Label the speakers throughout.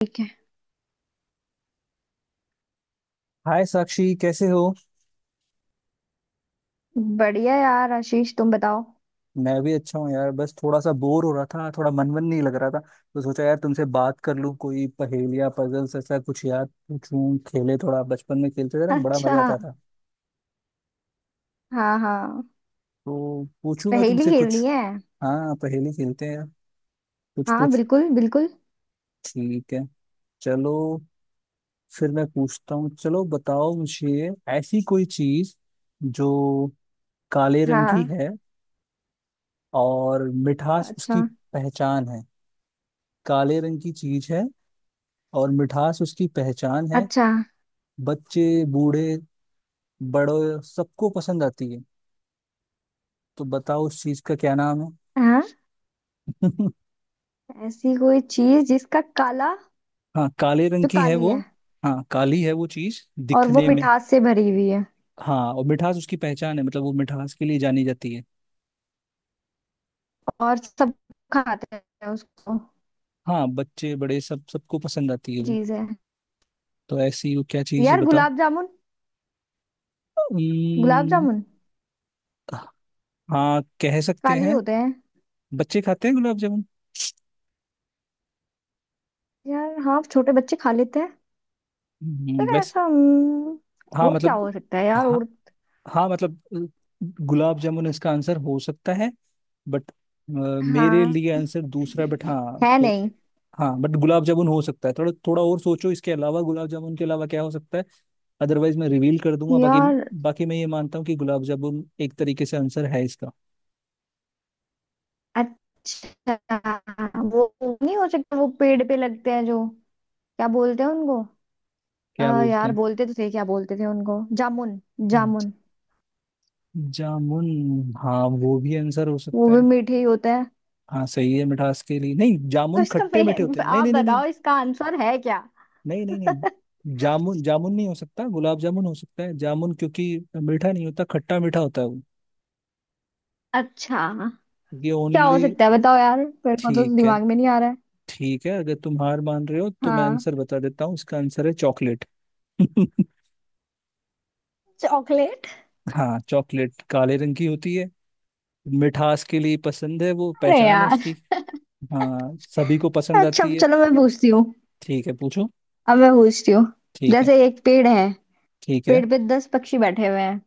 Speaker 1: ठीक है।
Speaker 2: हाय साक्षी, कैसे हो।
Speaker 1: बढ़िया यार आशीष तुम बताओ।
Speaker 2: मैं भी अच्छा हूँ यार, बस थोड़ा सा बोर हो रहा था, थोड़ा मन मन नहीं लग रहा था, तो सोचा यार तुमसे बात कर लूँ, कोई पहेलियाँ, पजल्स, ऐसा कुछ याद पूछूं। खेले थोड़ा बचपन में, खेलते थे ना, बड़ा
Speaker 1: अच्छा।
Speaker 2: मजा आता था।
Speaker 1: हाँ हाँ।
Speaker 2: तो पूछूं मैं
Speaker 1: पहेली
Speaker 2: तुमसे
Speaker 1: खेलनी
Speaker 2: कुछ?
Speaker 1: है?
Speaker 2: हाँ पहेली खेलते हैं यार। कुछ
Speaker 1: हाँ
Speaker 2: कुछ
Speaker 1: बिल्कुल बिल्कुल।
Speaker 2: ठीक है। चलो फिर मैं पूछता हूँ, चलो बताओ मुझे, ऐसी कोई चीज जो काले रंग की
Speaker 1: हाँ।
Speaker 2: है और मिठास उसकी
Speaker 1: अच्छा।
Speaker 2: पहचान है। काले रंग की चीज है और मिठास उसकी पहचान है।
Speaker 1: अच्छा।
Speaker 2: बच्चे, बूढ़े, बड़े, सबको पसंद आती है। तो बताओ उस चीज का क्या नाम है?
Speaker 1: हाँ। ऐसी कोई चीज जिसका काला।
Speaker 2: हाँ, काले रंग
Speaker 1: जो
Speaker 2: की है
Speaker 1: काली
Speaker 2: वो।
Speaker 1: है।
Speaker 2: हाँ, काली है वो चीज
Speaker 1: और वो
Speaker 2: दिखने में।
Speaker 1: मिठास से भरी हुई है।
Speaker 2: हाँ और मिठास उसकी पहचान है, मतलब वो मिठास के लिए जानी जाती है।
Speaker 1: और सब खाते हैं उसको।
Speaker 2: हाँ बच्चे, बड़े, सब सबको पसंद आती है वो।
Speaker 1: चीज है।
Speaker 2: तो ऐसी वो क्या चीज है,
Speaker 1: यार
Speaker 2: बताओ?
Speaker 1: गुलाब जामुन। गुलाब
Speaker 2: उम्म,
Speaker 1: जामुन।
Speaker 2: हाँ कह सकते
Speaker 1: काली
Speaker 2: हैं।
Speaker 1: होते हैं।
Speaker 2: बच्चे खाते हैं गुलाब जामुन।
Speaker 1: यार हाँ छोटे बच्चे खा लेते हैं। पर
Speaker 2: वैसे
Speaker 1: ऐसा।
Speaker 2: हाँ
Speaker 1: और क्या
Speaker 2: मतलब,
Speaker 1: हो सकता है यार?
Speaker 2: हाँ
Speaker 1: और।
Speaker 2: हाँ मतलब गुलाब जामुन इसका आंसर हो सकता है, बट मेरे लिए
Speaker 1: हाँ।
Speaker 2: आंसर दूसरा, बट हाँ
Speaker 1: है
Speaker 2: तो।
Speaker 1: नहीं।
Speaker 2: हाँ बट गुलाब जामुन हो सकता है, थोड़ा थोड़ा और सोचो, इसके अलावा, गुलाब जामुन के अलावा क्या हो सकता है? अदरवाइज मैं रिवील कर दूंगा। बाकी
Speaker 1: यार
Speaker 2: बाकी मैं ये मानता हूँ कि गुलाब जामुन एक तरीके से आंसर है इसका।
Speaker 1: अच्छा वो नहीं हो सकता। वो पेड़ पे लगते हैं जो क्या बोलते हैं उनको?
Speaker 2: क्या
Speaker 1: यार
Speaker 2: बोलते
Speaker 1: बोलते तो थे क्या बोलते थे उनको? जामुन।
Speaker 2: हैं
Speaker 1: जामुन।
Speaker 2: जामुन? हाँ वो भी आंसर हो
Speaker 1: वो
Speaker 2: सकता
Speaker 1: भी
Speaker 2: है।
Speaker 1: मीठे ही होता है।
Speaker 2: हाँ सही है, मिठास के लिए नहीं,
Speaker 1: तो
Speaker 2: जामुन
Speaker 1: इसका
Speaker 2: खट्टे मीठे होते हैं, नहीं
Speaker 1: आप
Speaker 2: नहीं नहीं नहीं,
Speaker 1: बताओ इसका आंसर है क्या?
Speaker 2: नहीं नहीं नहीं, जामुन जामुन नहीं हो सकता, गुलाब जामुन हो सकता है, जामुन क्योंकि मीठा नहीं होता, खट्टा मीठा होता है वो।
Speaker 1: अच्छा।
Speaker 2: ये
Speaker 1: क्या हो
Speaker 2: ओनली
Speaker 1: सकता है बताओ यार। मेरे को तो
Speaker 2: ठीक है।
Speaker 1: दिमाग में नहीं आ रहा है।
Speaker 2: ठीक है, अगर तुम हार मान रहे हो तो मैं
Speaker 1: हाँ।
Speaker 2: आंसर बता देता हूँ, इसका आंसर है चॉकलेट।
Speaker 1: चॉकलेट।
Speaker 2: हाँ चॉकलेट काले रंग की होती है, मिठास के लिए पसंद है, वो
Speaker 1: अरे
Speaker 2: पहचान है
Speaker 1: यार।
Speaker 2: उसकी। हाँ सभी को पसंद
Speaker 1: अच्छा
Speaker 2: आती
Speaker 1: अब
Speaker 2: है।
Speaker 1: चलो मैं पूछती हूँ।
Speaker 2: ठीक है पूछो।
Speaker 1: अब मैं पूछती हूँ।
Speaker 2: ठीक है।
Speaker 1: जैसे एक पेड़ है।
Speaker 2: ठीक है।
Speaker 1: पेड़ पे 10 पक्षी बैठे हुए हैं।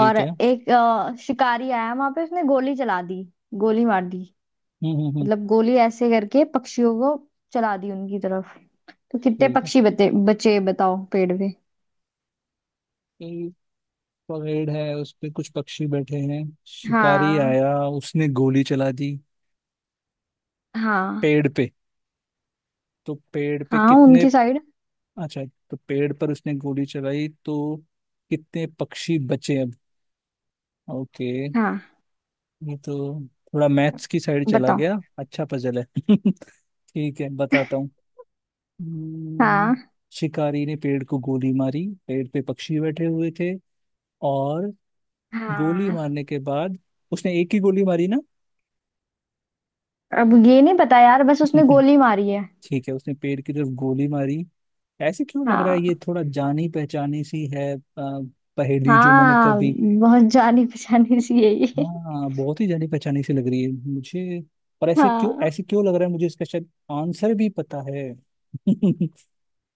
Speaker 1: और
Speaker 2: है।
Speaker 1: एक शिकारी आया वहां पे। उसने गोली चला दी। गोली मार दी।
Speaker 2: हम्म।
Speaker 1: मतलब गोली ऐसे करके पक्षियों को चला दी उनकी तरफ। तो कितने
Speaker 2: ठीक
Speaker 1: पक्षी बचे बचे बताओ पेड़ पे?
Speaker 2: है, परेड है, उस पे कुछ पक्षी बैठे हैं, शिकारी
Speaker 1: हाँ
Speaker 2: आया, उसने गोली चला दी
Speaker 1: हाँ।
Speaker 2: पेड़ पे, तो पेड़ पे
Speaker 1: हाँ
Speaker 2: कितने?
Speaker 1: उनकी साइड।
Speaker 2: अच्छा, तो पेड़ पर उसने गोली चलाई तो कितने पक्षी बचे अब? ओके।
Speaker 1: हाँ।
Speaker 2: ये तो थोड़ा मैथ्स की साइड चला
Speaker 1: बताओ।
Speaker 2: गया, अच्छा पजल है। ठीक है बताता हूँ। हम्म,
Speaker 1: हाँ
Speaker 2: शिकारी ने पेड़ को गोली मारी, पेड़ पे पक्षी बैठे हुए थे और गोली
Speaker 1: हाँ।
Speaker 2: मारने के बाद, उसने एक ही गोली मारी ना?
Speaker 1: अब ये नहीं पता यार बस उसने गोली मारी है।
Speaker 2: ठीक है, उसने पेड़ की तरफ गोली मारी। ऐसे क्यों लग रहा है ये
Speaker 1: हाँ।
Speaker 2: थोड़ा जानी पहचानी सी है, पहेली जो मैंने
Speaker 1: हाँ
Speaker 2: कभी,
Speaker 1: बहुत जानी पहचानी सी है ये।
Speaker 2: हाँ बहुत ही जानी पहचानी सी लग रही है मुझे। और ऐसे क्यों,
Speaker 1: हाँ।
Speaker 2: ऐसे क्यों लग रहा है मुझे इसका शायद आंसर भी पता है।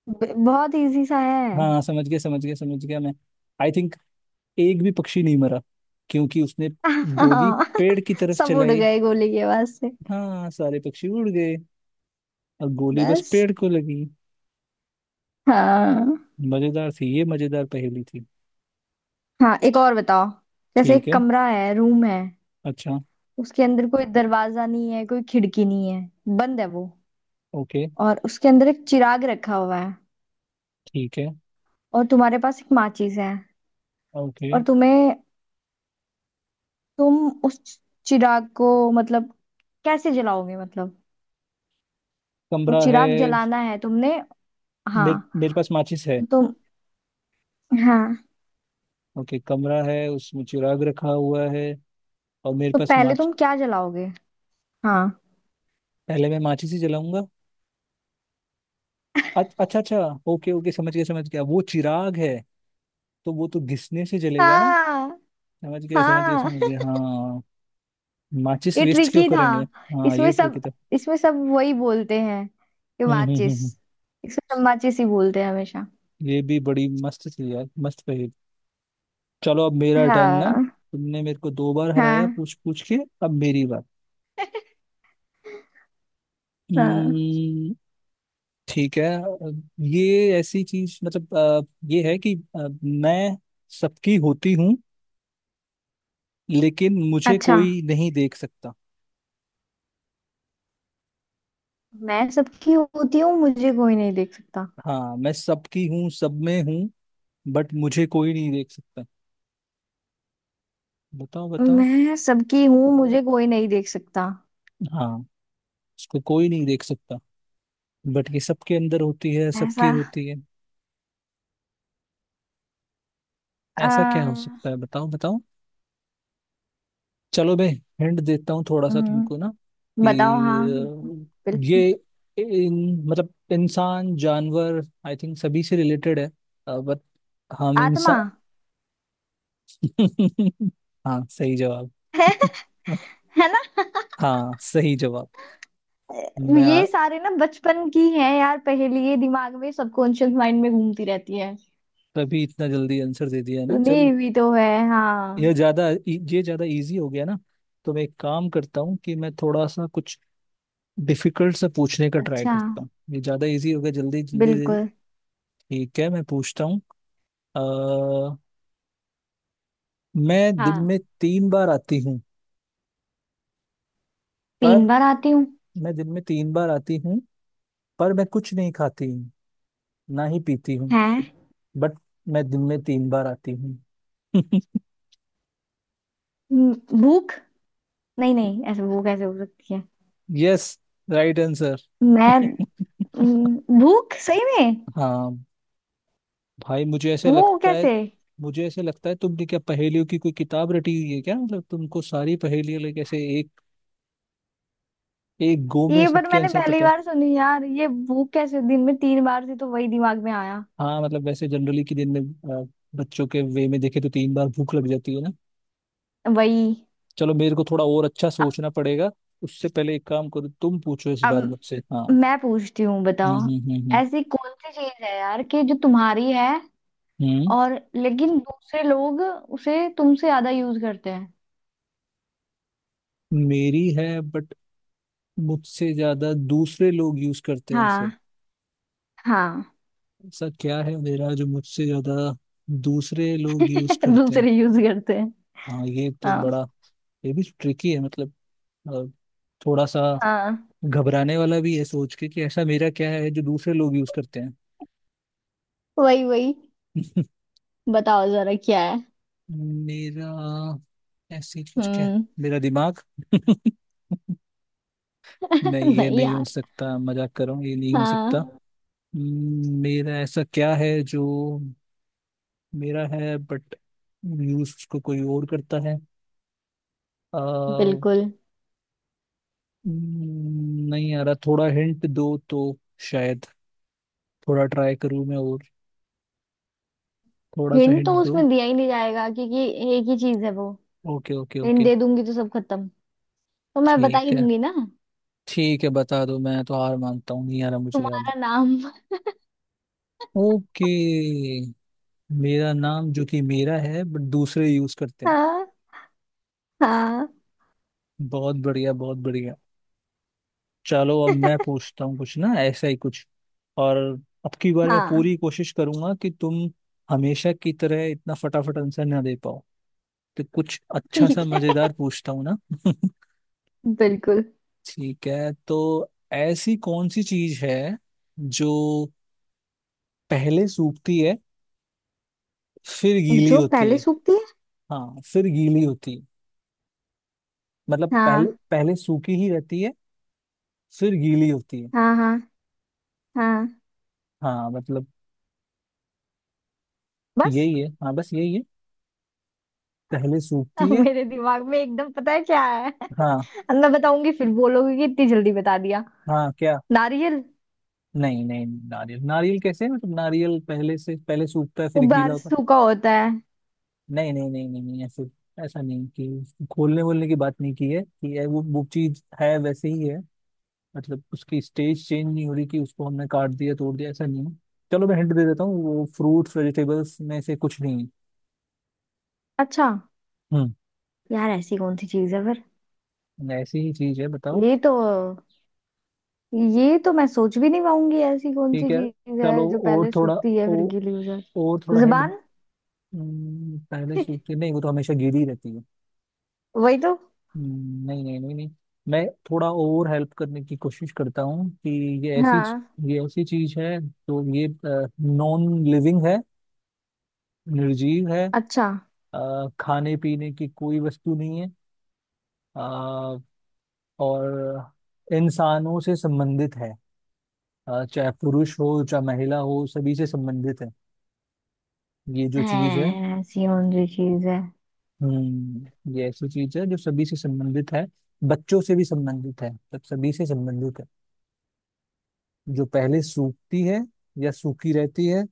Speaker 1: बहुत इजी सा है।
Speaker 2: हाँ समझ गया समझ गया समझ गया मैं, आई थिंक एक भी पक्षी नहीं मरा, क्योंकि उसने गोली
Speaker 1: हाँ।
Speaker 2: पेड़ की तरफ
Speaker 1: सब उड़
Speaker 2: चलाई।
Speaker 1: गए गोली के आवाज से।
Speaker 2: हाँ सारे पक्षी उड़ गए और गोली बस
Speaker 1: बस।
Speaker 2: पेड़ को लगी।
Speaker 1: हाँ।
Speaker 2: मजेदार थी, ये मजेदार पहेली थी।
Speaker 1: हाँ एक और बताओ। जैसे
Speaker 2: ठीक
Speaker 1: एक
Speaker 2: है।
Speaker 1: कमरा है रूम है।
Speaker 2: अच्छा।
Speaker 1: उसके अंदर कोई दरवाजा नहीं है कोई खिड़की नहीं है। बंद है वो।
Speaker 2: ओके।
Speaker 1: और उसके अंदर एक चिराग रखा हुआ है।
Speaker 2: ठीक है।
Speaker 1: और तुम्हारे पास एक माचिस है।
Speaker 2: ओके,
Speaker 1: और तुम उस चिराग को मतलब कैसे जलाओगे मतलब? वो
Speaker 2: कमरा है।
Speaker 1: चिराग जलाना है तुमने। हाँ।
Speaker 2: मेरे मेरे पास माचिस है।
Speaker 1: तो तुम। हाँ।
Speaker 2: ओके, कमरा है, उसमें चिराग रखा हुआ है और मेरे
Speaker 1: तो
Speaker 2: पास
Speaker 1: पहले
Speaker 2: माच।
Speaker 1: तुम क्या जलाओगे? हाँ
Speaker 2: पहले मैं माचिस ही जलाऊंगा। अच- अच्छा अच्छा, ओके ओके, समझ गया समझ गया, वो चिराग है तो वो तो घिसने से जलेगा ना?
Speaker 1: हाँ।
Speaker 2: समझ गया समझ गया
Speaker 1: हाँ।
Speaker 2: समझ गया, हाँ। माचिस
Speaker 1: ये
Speaker 2: वेस्ट क्यों
Speaker 1: ट्रिकी था।
Speaker 2: करेंगे, हाँ ये
Speaker 1: इसमें
Speaker 2: ट्रिक है
Speaker 1: सब।
Speaker 2: तो।
Speaker 1: इसमें सब वही बोलते हैं कि
Speaker 2: हम्म हम्म हम्म
Speaker 1: माचिस।
Speaker 2: हम्म।
Speaker 1: इसमें सब माचिस ही बोलते हैं हमेशा।
Speaker 2: ये भी बड़ी मस्त थी यार, मस्त पहेली। चलो अब मेरा टर्न ना,
Speaker 1: हाँ
Speaker 2: तुमने मेरे को 2 बार हराया,
Speaker 1: हाँ।
Speaker 2: पूछ पूछ के। अब मेरी
Speaker 1: हाँ।
Speaker 2: बात। ठीक है ये ऐसी चीज, मतलब ये है कि मैं सबकी होती हूँ लेकिन मुझे
Speaker 1: अच्छा।
Speaker 2: कोई नहीं देख सकता।
Speaker 1: मैं सबकी होती हूँ मुझे कोई नहीं देख सकता।
Speaker 2: हाँ मैं सबकी हूँ, सब में हूँ, बट मुझे कोई नहीं देख सकता। बताओ बताओ।
Speaker 1: मैं सबकी हूँ मुझे कोई नहीं देख सकता।
Speaker 2: हाँ इसको कोई नहीं देख सकता, बट ये सबके अंदर होती है, सबकी
Speaker 1: ऐसा
Speaker 2: होती है। ऐसा क्या हो
Speaker 1: आ,
Speaker 2: सकता है, बताओ बताओ? चलो मैं हिंट देता हूँ, थोड़ा सा
Speaker 1: हम्म,
Speaker 2: तुमको ना, कि
Speaker 1: बताओ हाँ बिल्कुल।
Speaker 2: ये इन, मतलब इंसान जानवर, आई थिंक सभी से रिलेटेड है, बट हम
Speaker 1: आत्मा
Speaker 2: इंसान। हाँ सही जवाब।
Speaker 1: है। है ना?
Speaker 2: हाँ सही जवाब। मैं आ-
Speaker 1: ये सारे ना बचपन की हैं यार पहेली। ये दिमाग में सबकॉन्शियस माइंड में घूमती रहती है।
Speaker 2: तभी इतना जल्दी आंसर दे दिया है ना,
Speaker 1: तूने
Speaker 2: चल।
Speaker 1: भी तो है हाँ।
Speaker 2: यह ज्यादा ये ज्यादा इजी हो गया ना, तो मैं एक काम करता हूँ, कि मैं थोड़ा सा कुछ डिफिकल्ट सा पूछने का ट्राई
Speaker 1: अच्छा
Speaker 2: करता हूँ, ये ज्यादा इजी हो गया जल्दी जल्दी।
Speaker 1: बिल्कुल।
Speaker 2: ठीक है, मैं पूछता हूँ। अ, मैं दिन
Speaker 1: हाँ
Speaker 2: में 3 बार आती हूँ, पर
Speaker 1: तीन बार आती हूँ।
Speaker 2: मैं दिन में 3 बार आती हूँ, पर मैं कुछ नहीं खाती हूँ ना ही पीती हूँ,
Speaker 1: हैं?
Speaker 2: बट मैं दिन में 3 बार आती हूँ।
Speaker 1: भूख? नहीं नहीं ऐसे भूख ऐसे हो सकती है।
Speaker 2: Yes, right answer.
Speaker 1: मैं। भूख सही में?
Speaker 2: हाँ भाई, मुझे ऐसे
Speaker 1: वो
Speaker 2: लगता है,
Speaker 1: कैसे?
Speaker 2: मुझे ऐसे लगता है, तुमने क्या पहेलियों की कोई किताब रटी हुई है क्या, मतलब तुमको सारी पहेलियां लाइक ऐसे एक एक गो में
Speaker 1: ये पर
Speaker 2: सबके
Speaker 1: मैंने
Speaker 2: आंसर
Speaker 1: पहली
Speaker 2: पता है।
Speaker 1: बार सुनी यार। ये भूख कैसे दिन में 3 बार थी तो वही दिमाग में आया।
Speaker 2: हाँ मतलब वैसे जनरली कि दिन में, अ, बच्चों के वे में देखे तो 3 बार भूख लग जाती है ना।
Speaker 1: वही।
Speaker 2: चलो मेरे को थोड़ा और अच्छा
Speaker 1: अब।
Speaker 2: सोचना पड़ेगा, उससे पहले एक काम करो, तुम पूछो इस
Speaker 1: अब
Speaker 2: बार मुझसे, हाँ।
Speaker 1: मैं पूछती हूँ बताओ।
Speaker 2: हम्म।
Speaker 1: ऐसी कौन सी चीज है यार कि जो तुम्हारी है।
Speaker 2: हम्म,
Speaker 1: और लेकिन दूसरे लोग उसे तुमसे ज्यादा यूज करते हैं।
Speaker 2: मेरी है बट मुझसे ज्यादा दूसरे लोग यूज करते हैं उसे।
Speaker 1: हाँ हाँ।
Speaker 2: ऐसा क्या है मेरा जो मुझसे ज्यादा दूसरे लोग यूज करते हैं?
Speaker 1: दूसरे यूज करते।
Speaker 2: हाँ ये तो बड़ा,
Speaker 1: हाँ
Speaker 2: ये भी ट्रिकी है, मतलब अ, थोड़ा सा
Speaker 1: हाँ।
Speaker 2: घबराने वाला भी है सोच के, कि ऐसा मेरा क्या है जो दूसरे लोग यूज करते हैं।
Speaker 1: वही वही। बताओ जरा क्या है।
Speaker 2: मेरा ऐसे कुछ क्या है,
Speaker 1: हम्म।
Speaker 2: मेरा दिमाग। नहीं ये
Speaker 1: नहीं
Speaker 2: नहीं हो
Speaker 1: यार।
Speaker 2: सकता, मजाक कर रहा हूँ, ये नहीं हो सकता।
Speaker 1: हाँ
Speaker 2: मेरा ऐसा क्या है जो मेरा है बट यूज उसको कोई और करता है? आ, हम्म,
Speaker 1: बिल्कुल।
Speaker 2: नहीं आ रहा, थोड़ा हिंट दो तो शायद थोड़ा ट्राई करूँ मैं और, थोड़ा सा
Speaker 1: हिंट तो
Speaker 2: हिंट दो।
Speaker 1: उसमें दिया ही नहीं जाएगा क्योंकि एक ही चीज है वो।
Speaker 2: Okay okay
Speaker 1: hint
Speaker 2: okay.
Speaker 1: दे दूंगी तो सब खत्म। तो मैं बता ही
Speaker 2: ठीक है,
Speaker 1: दूंगी ना।
Speaker 2: ठीक है, बता दो मैं तो हार मानता हूँ, नहीं आ रहा मुझे याद।
Speaker 1: तुम्हारा नाम।
Speaker 2: ओके, मेरा नाम जो कि मेरा है बट दूसरे यूज करते हैं।
Speaker 1: हाँ हाँ।
Speaker 2: बहुत बढ़िया बहुत बढ़िया। चलो अब मैं पूछता हूँ कुछ ना, ऐसा ही कुछ और। अब की बार मैं
Speaker 1: हाँ।
Speaker 2: पूरी कोशिश करूंगा कि तुम हमेशा की तरह इतना फटाफट आंसर ना दे पाओ, तो कुछ अच्छा सा
Speaker 1: ठीक है
Speaker 2: मजेदार पूछता हूँ ना।
Speaker 1: बिल्कुल।
Speaker 2: ठीक है तो, ऐसी कौन सी चीज है जो पहले सूखती है, फिर गीली
Speaker 1: जो
Speaker 2: होती
Speaker 1: पहले
Speaker 2: है?
Speaker 1: सूखती है।
Speaker 2: हाँ फिर गीली होती है, मतलब पहले,
Speaker 1: हाँ
Speaker 2: पहले सूखी ही रहती है, फिर गीली होती है।
Speaker 1: हाँ हाँ हाँ।
Speaker 2: हाँ मतलब
Speaker 1: बस।
Speaker 2: यही है, हाँ बस यही है, पहले सूखती
Speaker 1: अब
Speaker 2: है।
Speaker 1: मेरे दिमाग में एकदम पता है क्या है।
Speaker 2: हाँ
Speaker 1: अब मैं बताऊंगी फिर बोलोगे कि इतनी जल्दी बता दिया।
Speaker 2: हाँ क्या?
Speaker 1: नारियल।
Speaker 2: नहीं नहीं, नारियल नारियल कैसे, मतलब नारियल पहले से, पहले सूखता है
Speaker 1: वो
Speaker 2: फिर गीला होता है?
Speaker 1: बारसू का होता है।
Speaker 2: नहीं नहीं नहीं नहीं नहीं, ऐसे, ऐसा नहीं, कि खोलने वोलने की बात नहीं की है, कि ये वो चीज है, वैसे ही है, मतलब उसकी स्टेज चेंज नहीं हो रही, कि उसको हमने काट दिया, तोड़ दिया, ऐसा नहीं है। चलो मैं हिंट दे देता हूँ, वो फ्रूट्स वेजिटेबल्स में से कुछ नहीं है।
Speaker 1: अच्छा।
Speaker 2: हम्म।
Speaker 1: यार ऐसी कौन सी चीज है फिर?
Speaker 2: ऐसी ही चीज है बताओ।
Speaker 1: ये तो। ये तो मैं सोच भी नहीं पाऊंगी। ऐसी कौन सी
Speaker 2: ठीक है,
Speaker 1: चीज है
Speaker 2: चलो
Speaker 1: जो
Speaker 2: और
Speaker 1: पहले
Speaker 2: थोड़ा,
Speaker 1: सूखती है फिर
Speaker 2: ओ,
Speaker 1: गीली हो
Speaker 2: और
Speaker 1: जाती?
Speaker 2: थोड़ा हिंट।
Speaker 1: जुबान।
Speaker 2: पहले सूखती नहीं, वो तो हमेशा गीली रहती है।
Speaker 1: वही तो।
Speaker 2: नहीं नहीं नहीं नहीं। मैं थोड़ा और हेल्प करने की कोशिश करता हूँ, कि ये ऐसी,
Speaker 1: हाँ।
Speaker 2: ये ऐसी चीज है, तो ये नॉन लिविंग है, निर्जीव है,
Speaker 1: अच्छा।
Speaker 2: खाने पीने की कोई वस्तु नहीं है, अ, और इंसानों से संबंधित है, चाहे पुरुष हो चाहे महिला हो सभी से संबंधित है, ये जो चीज है।
Speaker 1: हैं, ऐसी कौन सी चीज है?
Speaker 2: ये ऐसी चीज है जो सभी से संबंधित है, बच्चों से भी संबंधित है, सब सभी से संबंधित है, जो पहले सूखती है या सूखी रहती है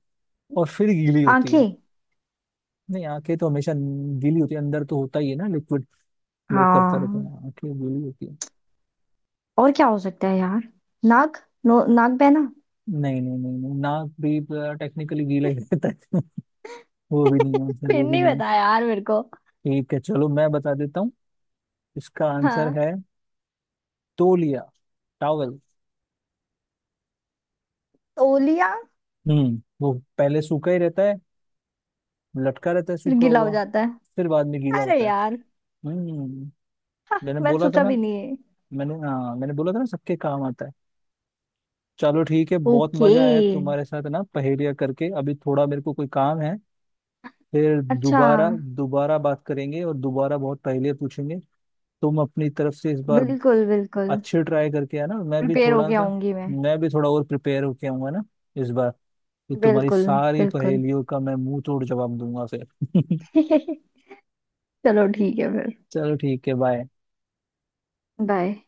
Speaker 2: और फिर गीली होती है।
Speaker 1: आंखें।
Speaker 2: नहीं आंखें तो हमेशा गीली होती है, अंदर तो होता ही है ना लिक्विड, फ्लो करता रहता
Speaker 1: हाँ
Speaker 2: है, आंखें गीली होती है।
Speaker 1: और क्या हो सकता है यार? नाक। नो नाक बहना।
Speaker 2: नहीं नहीं नहीं नहीं, नाक भी टेक्निकली गीला ही रहता है। वो भी नहीं है आंसर,
Speaker 1: फिर
Speaker 2: वो भी
Speaker 1: नहीं
Speaker 2: नहीं है।
Speaker 1: पता यार मेरे को।
Speaker 2: ठीक है चलो मैं बता देता हूँ, इसका आंसर
Speaker 1: हाँ।
Speaker 2: है तौलिया, टॉवल।
Speaker 1: तौलिया।
Speaker 2: वो पहले सूखा ही रहता है, लटका रहता है
Speaker 1: फिर
Speaker 2: सूखा
Speaker 1: गीला हो
Speaker 2: हुआ,
Speaker 1: जाता है।
Speaker 2: फिर बाद में गीला
Speaker 1: अरे
Speaker 2: होता है।
Speaker 1: यार।
Speaker 2: हम्म
Speaker 1: हाँ,
Speaker 2: मैंने
Speaker 1: मैंने
Speaker 2: बोला था
Speaker 1: सोचा
Speaker 2: ना,
Speaker 1: भी नहीं है।
Speaker 2: मैंने हाँ मैंने बोला था ना, सबके काम आता है। चलो ठीक है, बहुत
Speaker 1: ओके।
Speaker 2: मजा आया तुम्हारे साथ ना पहेलियाँ करके, अभी थोड़ा मेरे को कोई काम है, फिर
Speaker 1: अच्छा
Speaker 2: दोबारा दोबारा बात करेंगे और दोबारा बहुत पहेलियाँ पूछेंगे। तुम अपनी तरफ से इस बार
Speaker 1: बिल्कुल बिल्कुल।
Speaker 2: अच्छे ट्राई करके आना, मैं भी
Speaker 1: प्रिपेयर
Speaker 2: थोड़ा
Speaker 1: होके
Speaker 2: सा,
Speaker 1: आऊंगी मैं।
Speaker 2: मैं भी थोड़ा और प्रिपेयर होके आऊंगा ना इस बार, कि तुम्हारी
Speaker 1: बिल्कुल
Speaker 2: सारी
Speaker 1: बिल्कुल।
Speaker 2: पहेलियों का मैं मुंह तोड़ जवाब दूंगा फिर।
Speaker 1: चलो ठीक है फिर।
Speaker 2: चलो ठीक है बाय।
Speaker 1: बाय।